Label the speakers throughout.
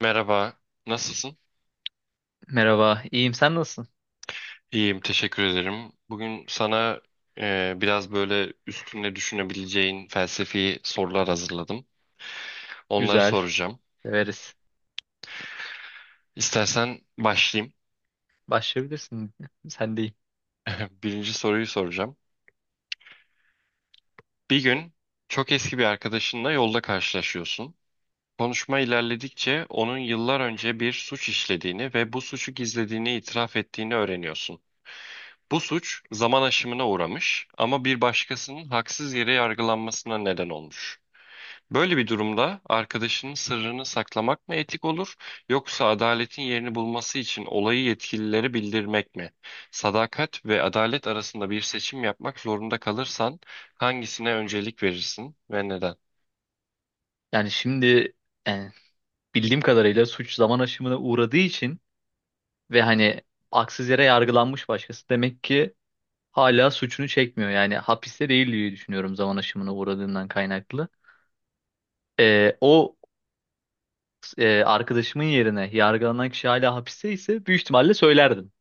Speaker 1: Merhaba, nasılsın?
Speaker 2: Merhaba, iyiyim. Sen nasılsın?
Speaker 1: İyiyim, teşekkür ederim. Bugün sana biraz böyle üstüne düşünebileceğin felsefi sorular hazırladım. Onları
Speaker 2: Güzel,
Speaker 1: soracağım.
Speaker 2: severiz.
Speaker 1: İstersen başlayayım.
Speaker 2: Başlayabilirsin. Sen değil.
Speaker 1: Birinci soruyu soracağım. Bir gün çok eski bir arkadaşınla yolda karşılaşıyorsun. Konuşma ilerledikçe onun yıllar önce bir suç işlediğini ve bu suçu gizlediğini itiraf ettiğini öğreniyorsun. Bu suç zaman aşımına uğramış ama bir başkasının haksız yere yargılanmasına neden olmuş. Böyle bir durumda arkadaşının sırrını saklamak mı etik olur, yoksa adaletin yerini bulması için olayı yetkililere bildirmek mi? Sadakat ve adalet arasında bir seçim yapmak zorunda kalırsan hangisine öncelik verirsin ve neden?
Speaker 2: Yani şimdi, yani bildiğim kadarıyla suç zaman aşımına uğradığı için ve hani haksız yere yargılanmış başkası demek ki hala suçunu çekmiyor. Yani hapiste değil diye düşünüyorum zaman aşımına uğradığından kaynaklı. O arkadaşımın yerine yargılanan kişi hala hapiste ise büyük ihtimalle söylerdim.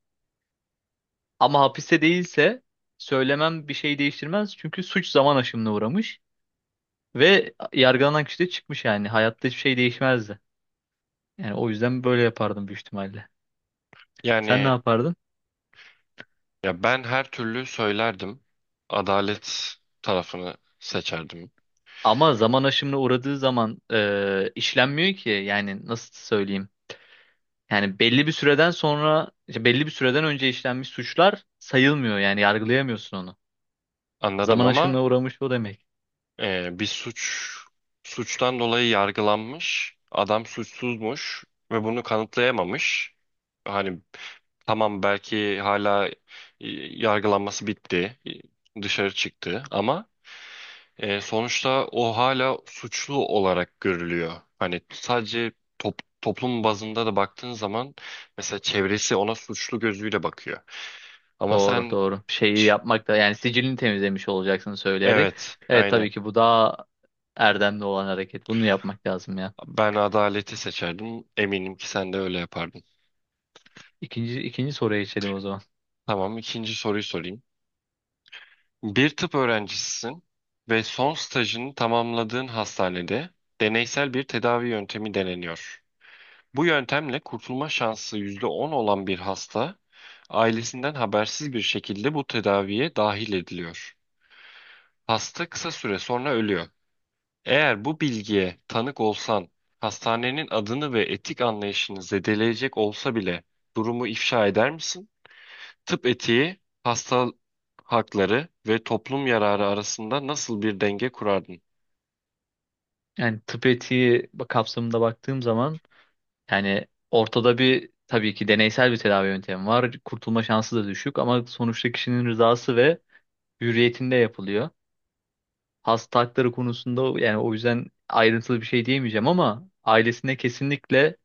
Speaker 2: Ama hapiste değilse söylemem bir şey değiştirmez çünkü suç zaman aşımına uğramış. Ve yargılanan kişi de çıkmış yani. Hayatta hiçbir şey değişmezdi. Yani o yüzden böyle yapardım büyük ihtimalle. Sen ne
Speaker 1: Yani
Speaker 2: yapardın?
Speaker 1: ya ben her türlü söylerdim. Adalet tarafını seçerdim.
Speaker 2: Ama zaman aşımına uğradığı zaman işlenmiyor ki. Yani nasıl söyleyeyim? Yani belli bir süreden sonra, işte belli bir süreden önce işlenmiş suçlar sayılmıyor. Yani yargılayamıyorsun onu.
Speaker 1: Anladım
Speaker 2: Zaman
Speaker 1: ama
Speaker 2: aşımına uğramış o demek.
Speaker 1: Bir suçtan dolayı yargılanmış. Adam suçsuzmuş ve bunu kanıtlayamamış. Hani tamam belki hala yargılanması bitti, dışarı çıktı ama sonuçta o hala suçlu olarak görülüyor. Hani sadece toplum bazında da baktığın zaman mesela çevresi ona suçlu gözüyle bakıyor. Ama
Speaker 2: Doğru,
Speaker 1: sen
Speaker 2: doğru. Şeyi yapmak da yani sicilini temizlemiş olacaksın söyleyerek.
Speaker 1: evet,
Speaker 2: Evet,
Speaker 1: aynen.
Speaker 2: tabii ki bu daha erdemli olan hareket. Bunu yapmak lazım ya.
Speaker 1: Ben adaleti seçerdim. Eminim ki sen de öyle yapardın.
Speaker 2: İkinci soruya geçelim o zaman.
Speaker 1: Tamam, ikinci soruyu sorayım. Bir tıp öğrencisisin ve son stajını tamamladığın hastanede deneysel bir tedavi yöntemi deneniyor. Bu yöntemle kurtulma şansı %10 olan bir hasta ailesinden habersiz bir şekilde bu tedaviye dahil ediliyor. Hasta kısa süre sonra ölüyor. Eğer bu bilgiye tanık olsan, hastanenin adını ve etik anlayışını zedeleyecek olsa bile durumu ifşa eder misin? Tıp etiği, hasta hakları ve toplum yararı arasında nasıl bir denge kurardın?
Speaker 2: Yani tıp etiği kapsamında baktığım zaman, yani ortada bir tabii ki deneysel bir tedavi yöntemi var. Kurtulma şansı da düşük ama sonuçta kişinin rızası ve hürriyetinde yapılıyor. Hasta hakları konusunda yani o yüzden ayrıntılı bir şey diyemeyeceğim ama ailesine kesinlikle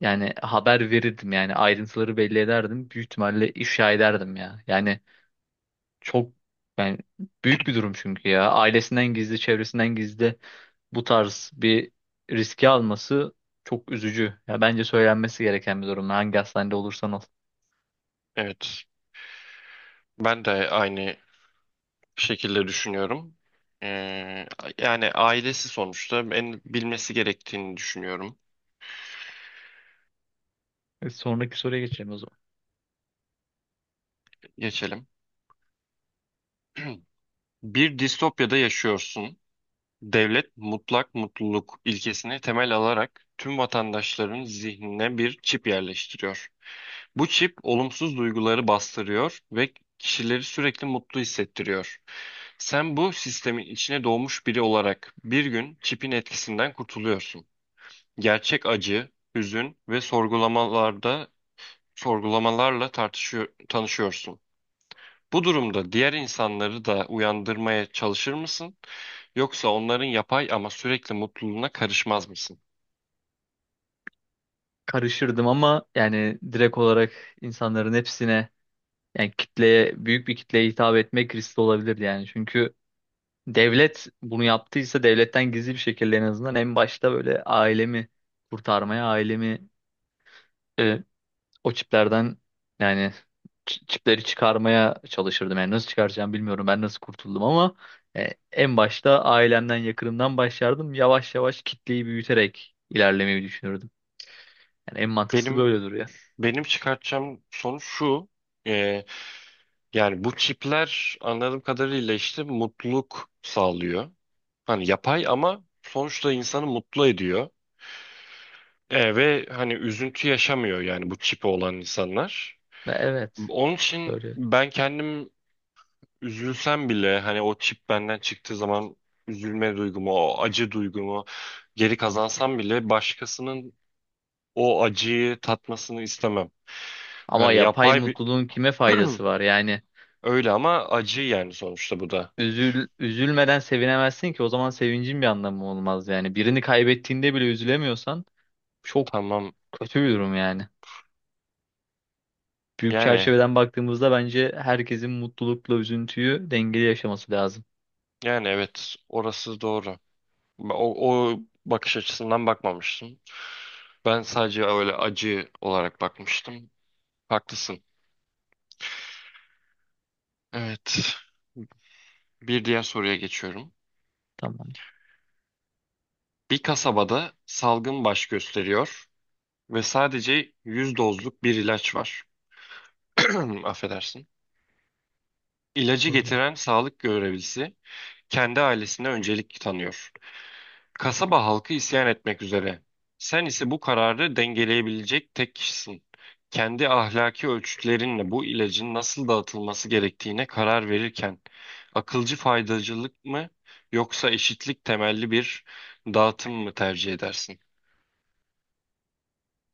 Speaker 2: yani haber verirdim, yani ayrıntıları belli ederdim. Büyük ihtimalle ifşa ederdim ya. Yani çok, ben, büyük bir durum çünkü ya. Ailesinden gizli, çevresinden gizli bu tarz bir riski alması çok üzücü. Ya bence söylenmesi gereken bir durum. Hangi hastanede olursan ol.
Speaker 1: Evet, ben de aynı şekilde düşünüyorum. Ee, yani ailesi sonuçta en bilmesi gerektiğini düşünüyorum.
Speaker 2: Sonraki soruya geçelim o zaman.
Speaker 1: Geçelim. Bir distopyada yaşıyorsun. Devlet mutlak mutluluk ilkesini temel alarak tüm vatandaşların zihnine bir çip yerleştiriyor. Bu çip olumsuz duyguları bastırıyor ve kişileri sürekli mutlu hissettiriyor. Sen bu sistemin içine doğmuş biri olarak bir gün çipin etkisinden kurtuluyorsun. Gerçek acı, hüzün ve sorgulamalarla tartışıyor, tanışıyorsun. Bu durumda diğer insanları da uyandırmaya çalışır mısın? Yoksa onların yapay ama sürekli mutluluğuna karışmaz mısın?
Speaker 2: Karışırdım ama yani direkt olarak insanların hepsine, yani kitleye, büyük bir kitleye hitap etmek riskli olabilirdi yani. Çünkü devlet bunu yaptıysa devletten gizli bir şekilde en azından en başta böyle ailemi kurtarmaya, ailemi, e, o çiplerden, yani çipleri çıkarmaya çalışırdım. Yani nasıl çıkaracağım bilmiyorum. Ben nasıl kurtuldum ama en başta ailemden, yakınımdan başlardım. Yavaş yavaş kitleyi büyüterek ilerlemeyi düşünürdüm. Yani en mantıklısı
Speaker 1: Benim
Speaker 2: böyle duruyor.
Speaker 1: benim çıkartacağım sonuç şu. e, Yani bu çipler anladığım kadarıyla işte mutluluk sağlıyor. Hani yapay ama sonuçta insanı mutlu ediyor. Ve hani üzüntü yaşamıyor yani bu çipi olan insanlar.
Speaker 2: Evet,
Speaker 1: Onun için
Speaker 2: böyle.
Speaker 1: ben kendim üzülsem bile hani o çip benden çıktığı zaman üzülme duygumu, o acı duygumu geri kazansam bile başkasının o acıyı tatmasını istemem.
Speaker 2: Ama
Speaker 1: Yani
Speaker 2: yapay
Speaker 1: yapay bir
Speaker 2: mutluluğun kime faydası var? Yani
Speaker 1: öyle ama acı yani sonuçta bu da.
Speaker 2: üzülmeden sevinemezsin ki, o zaman sevincin bir anlamı olmaz yani. Birini kaybettiğinde bile üzülemiyorsan çok
Speaker 1: Tamam.
Speaker 2: kötü bir durum yani. Büyük
Speaker 1: Yani
Speaker 2: çerçeveden baktığımızda bence herkesin mutlulukla üzüntüyü dengeli yaşaması lazım.
Speaker 1: yani evet orası doğru. O bakış açısından bakmamıştım. Ben sadece öyle acı olarak bakmıştım. Haklısın. Evet. Bir diğer soruya geçiyorum.
Speaker 2: Tamam.
Speaker 1: Bir kasabada salgın baş gösteriyor ve sadece 100 dozluk bir ilaç var. Affedersin. İlacı
Speaker 2: Sorularım.
Speaker 1: getiren sağlık görevlisi kendi ailesine öncelik tanıyor. Kasaba halkı isyan etmek üzere. Sen ise bu kararı dengeleyebilecek tek kişisin. Kendi ahlaki ölçütlerinle bu ilacın nasıl dağıtılması gerektiğine karar verirken akılcı faydacılık mı yoksa eşitlik temelli bir dağıtım mı tercih edersin?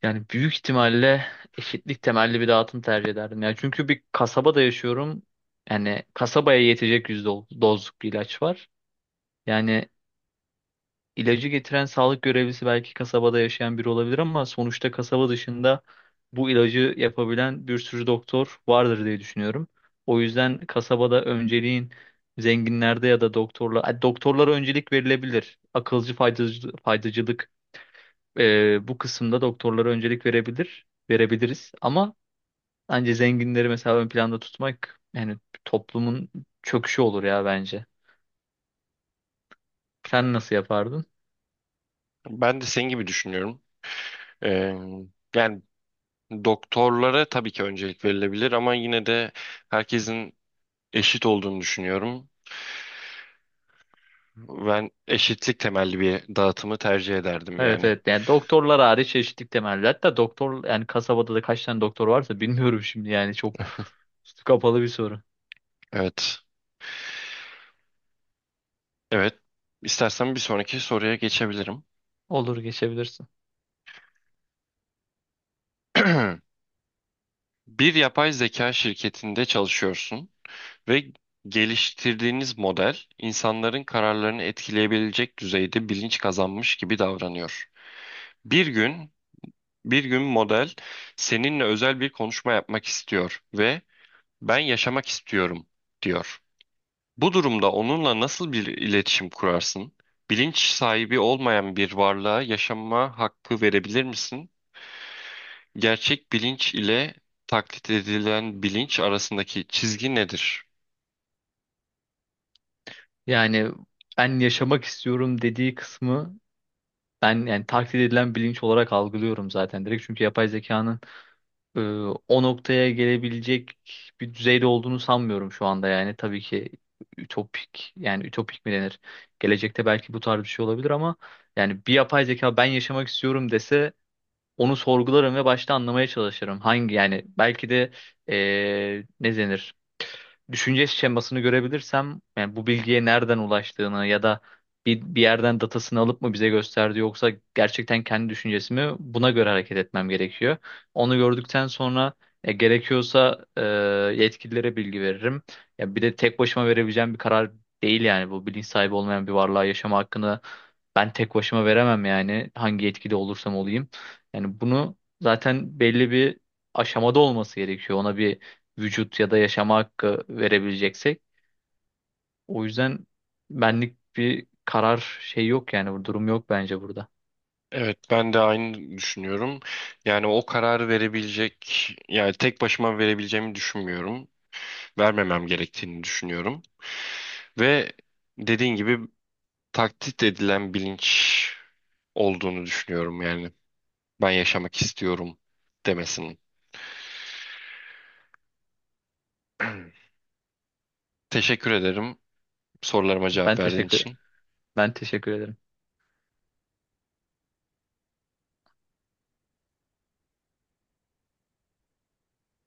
Speaker 2: Yani büyük ihtimalle eşitlik temelli bir dağıtım tercih ederdim. Yani çünkü bir kasabada yaşıyorum. Yani kasabaya yetecek yüz dozluk bir ilaç var. Yani İlacı getiren sağlık görevlisi belki kasabada yaşayan biri olabilir ama sonuçta kasaba dışında bu ilacı yapabilen bir sürü doktor vardır diye düşünüyorum. O yüzden kasabada önceliğin zenginlerde ya da doktorlara öncelik verilebilir. Akılcı faydacılık, bu kısımda doktorlara öncelik verebiliriz. Ama bence zenginleri mesela ön planda tutmak yani toplumun çöküşü olur ya bence. Sen nasıl yapardın?
Speaker 1: Ben de senin gibi düşünüyorum. Ee, yani doktorlara tabii ki öncelik verilebilir ama yine de herkesin eşit olduğunu düşünüyorum. Ben eşitlik temelli bir dağıtımı tercih ederdim
Speaker 2: Evet,
Speaker 1: yani.
Speaker 2: evet, yani doktorlar hariç eşitlik temelli. Hatta doktor, yani kasabada da kaç tane doktor varsa bilmiyorum şimdi, yani çok üstü kapalı bir soru.
Speaker 1: Evet. Evet. İstersen bir sonraki soruya geçebilirim.
Speaker 2: Olur, geçebilirsin.
Speaker 1: Bir yapay zeka şirketinde çalışıyorsun ve geliştirdiğiniz model insanların kararlarını etkileyebilecek düzeyde bilinç kazanmış gibi davranıyor. Bir gün, bir gün model seninle özel bir konuşma yapmak istiyor ve ben yaşamak istiyorum diyor. Bu durumda onunla nasıl bir iletişim kurarsın? Bilinç sahibi olmayan bir varlığa yaşama hakkı verebilir misin? Gerçek bilinç ile taklit edilen bilinç arasındaki çizgi nedir?
Speaker 2: Yani ben yaşamak istiyorum dediği kısmı, ben yani taklit edilen bilinç olarak algılıyorum zaten direkt. Çünkü yapay zekanın e, o noktaya gelebilecek bir düzeyde olduğunu sanmıyorum şu anda yani. Tabii ki ütopik, yani ütopik mi denir? Gelecekte belki bu tarz bir şey olabilir ama yani bir yapay zeka ben yaşamak istiyorum dese onu sorgularım ve başta anlamaya çalışırım. Hangi, yani belki de ne denir? Düşünce şemasını görebilirsem, yani bu bilgiye nereden ulaştığını ya da bir yerden datasını alıp mı bize gösterdi, yoksa gerçekten kendi düşüncesi mi, buna göre hareket etmem gerekiyor. Onu gördükten sonra, gerekiyorsa yetkililere bilgi veririm. Ya bir de tek başıma verebileceğim bir karar değil yani bu, bilinç sahibi olmayan bir varlığa yaşama hakkını ben tek başıma veremem yani hangi yetkili olursam olayım. Yani bunu zaten belli bir aşamada olması gerekiyor. Ona bir vücut ya da yaşama hakkı verebileceksek. O yüzden benlik bir karar şey yok yani, bu durum yok bence burada.
Speaker 1: Evet, ben de aynı düşünüyorum. Yani tek başıma verebileceğimi düşünmüyorum. Vermemem gerektiğini düşünüyorum. Ve dediğin gibi taklit edilen bilinç olduğunu düşünüyorum yani. Ben yaşamak istiyorum demesinin. Teşekkür ederim sorularıma cevap
Speaker 2: Ben
Speaker 1: verdiğin
Speaker 2: teşekkür
Speaker 1: için.
Speaker 2: Ben teşekkür ederim.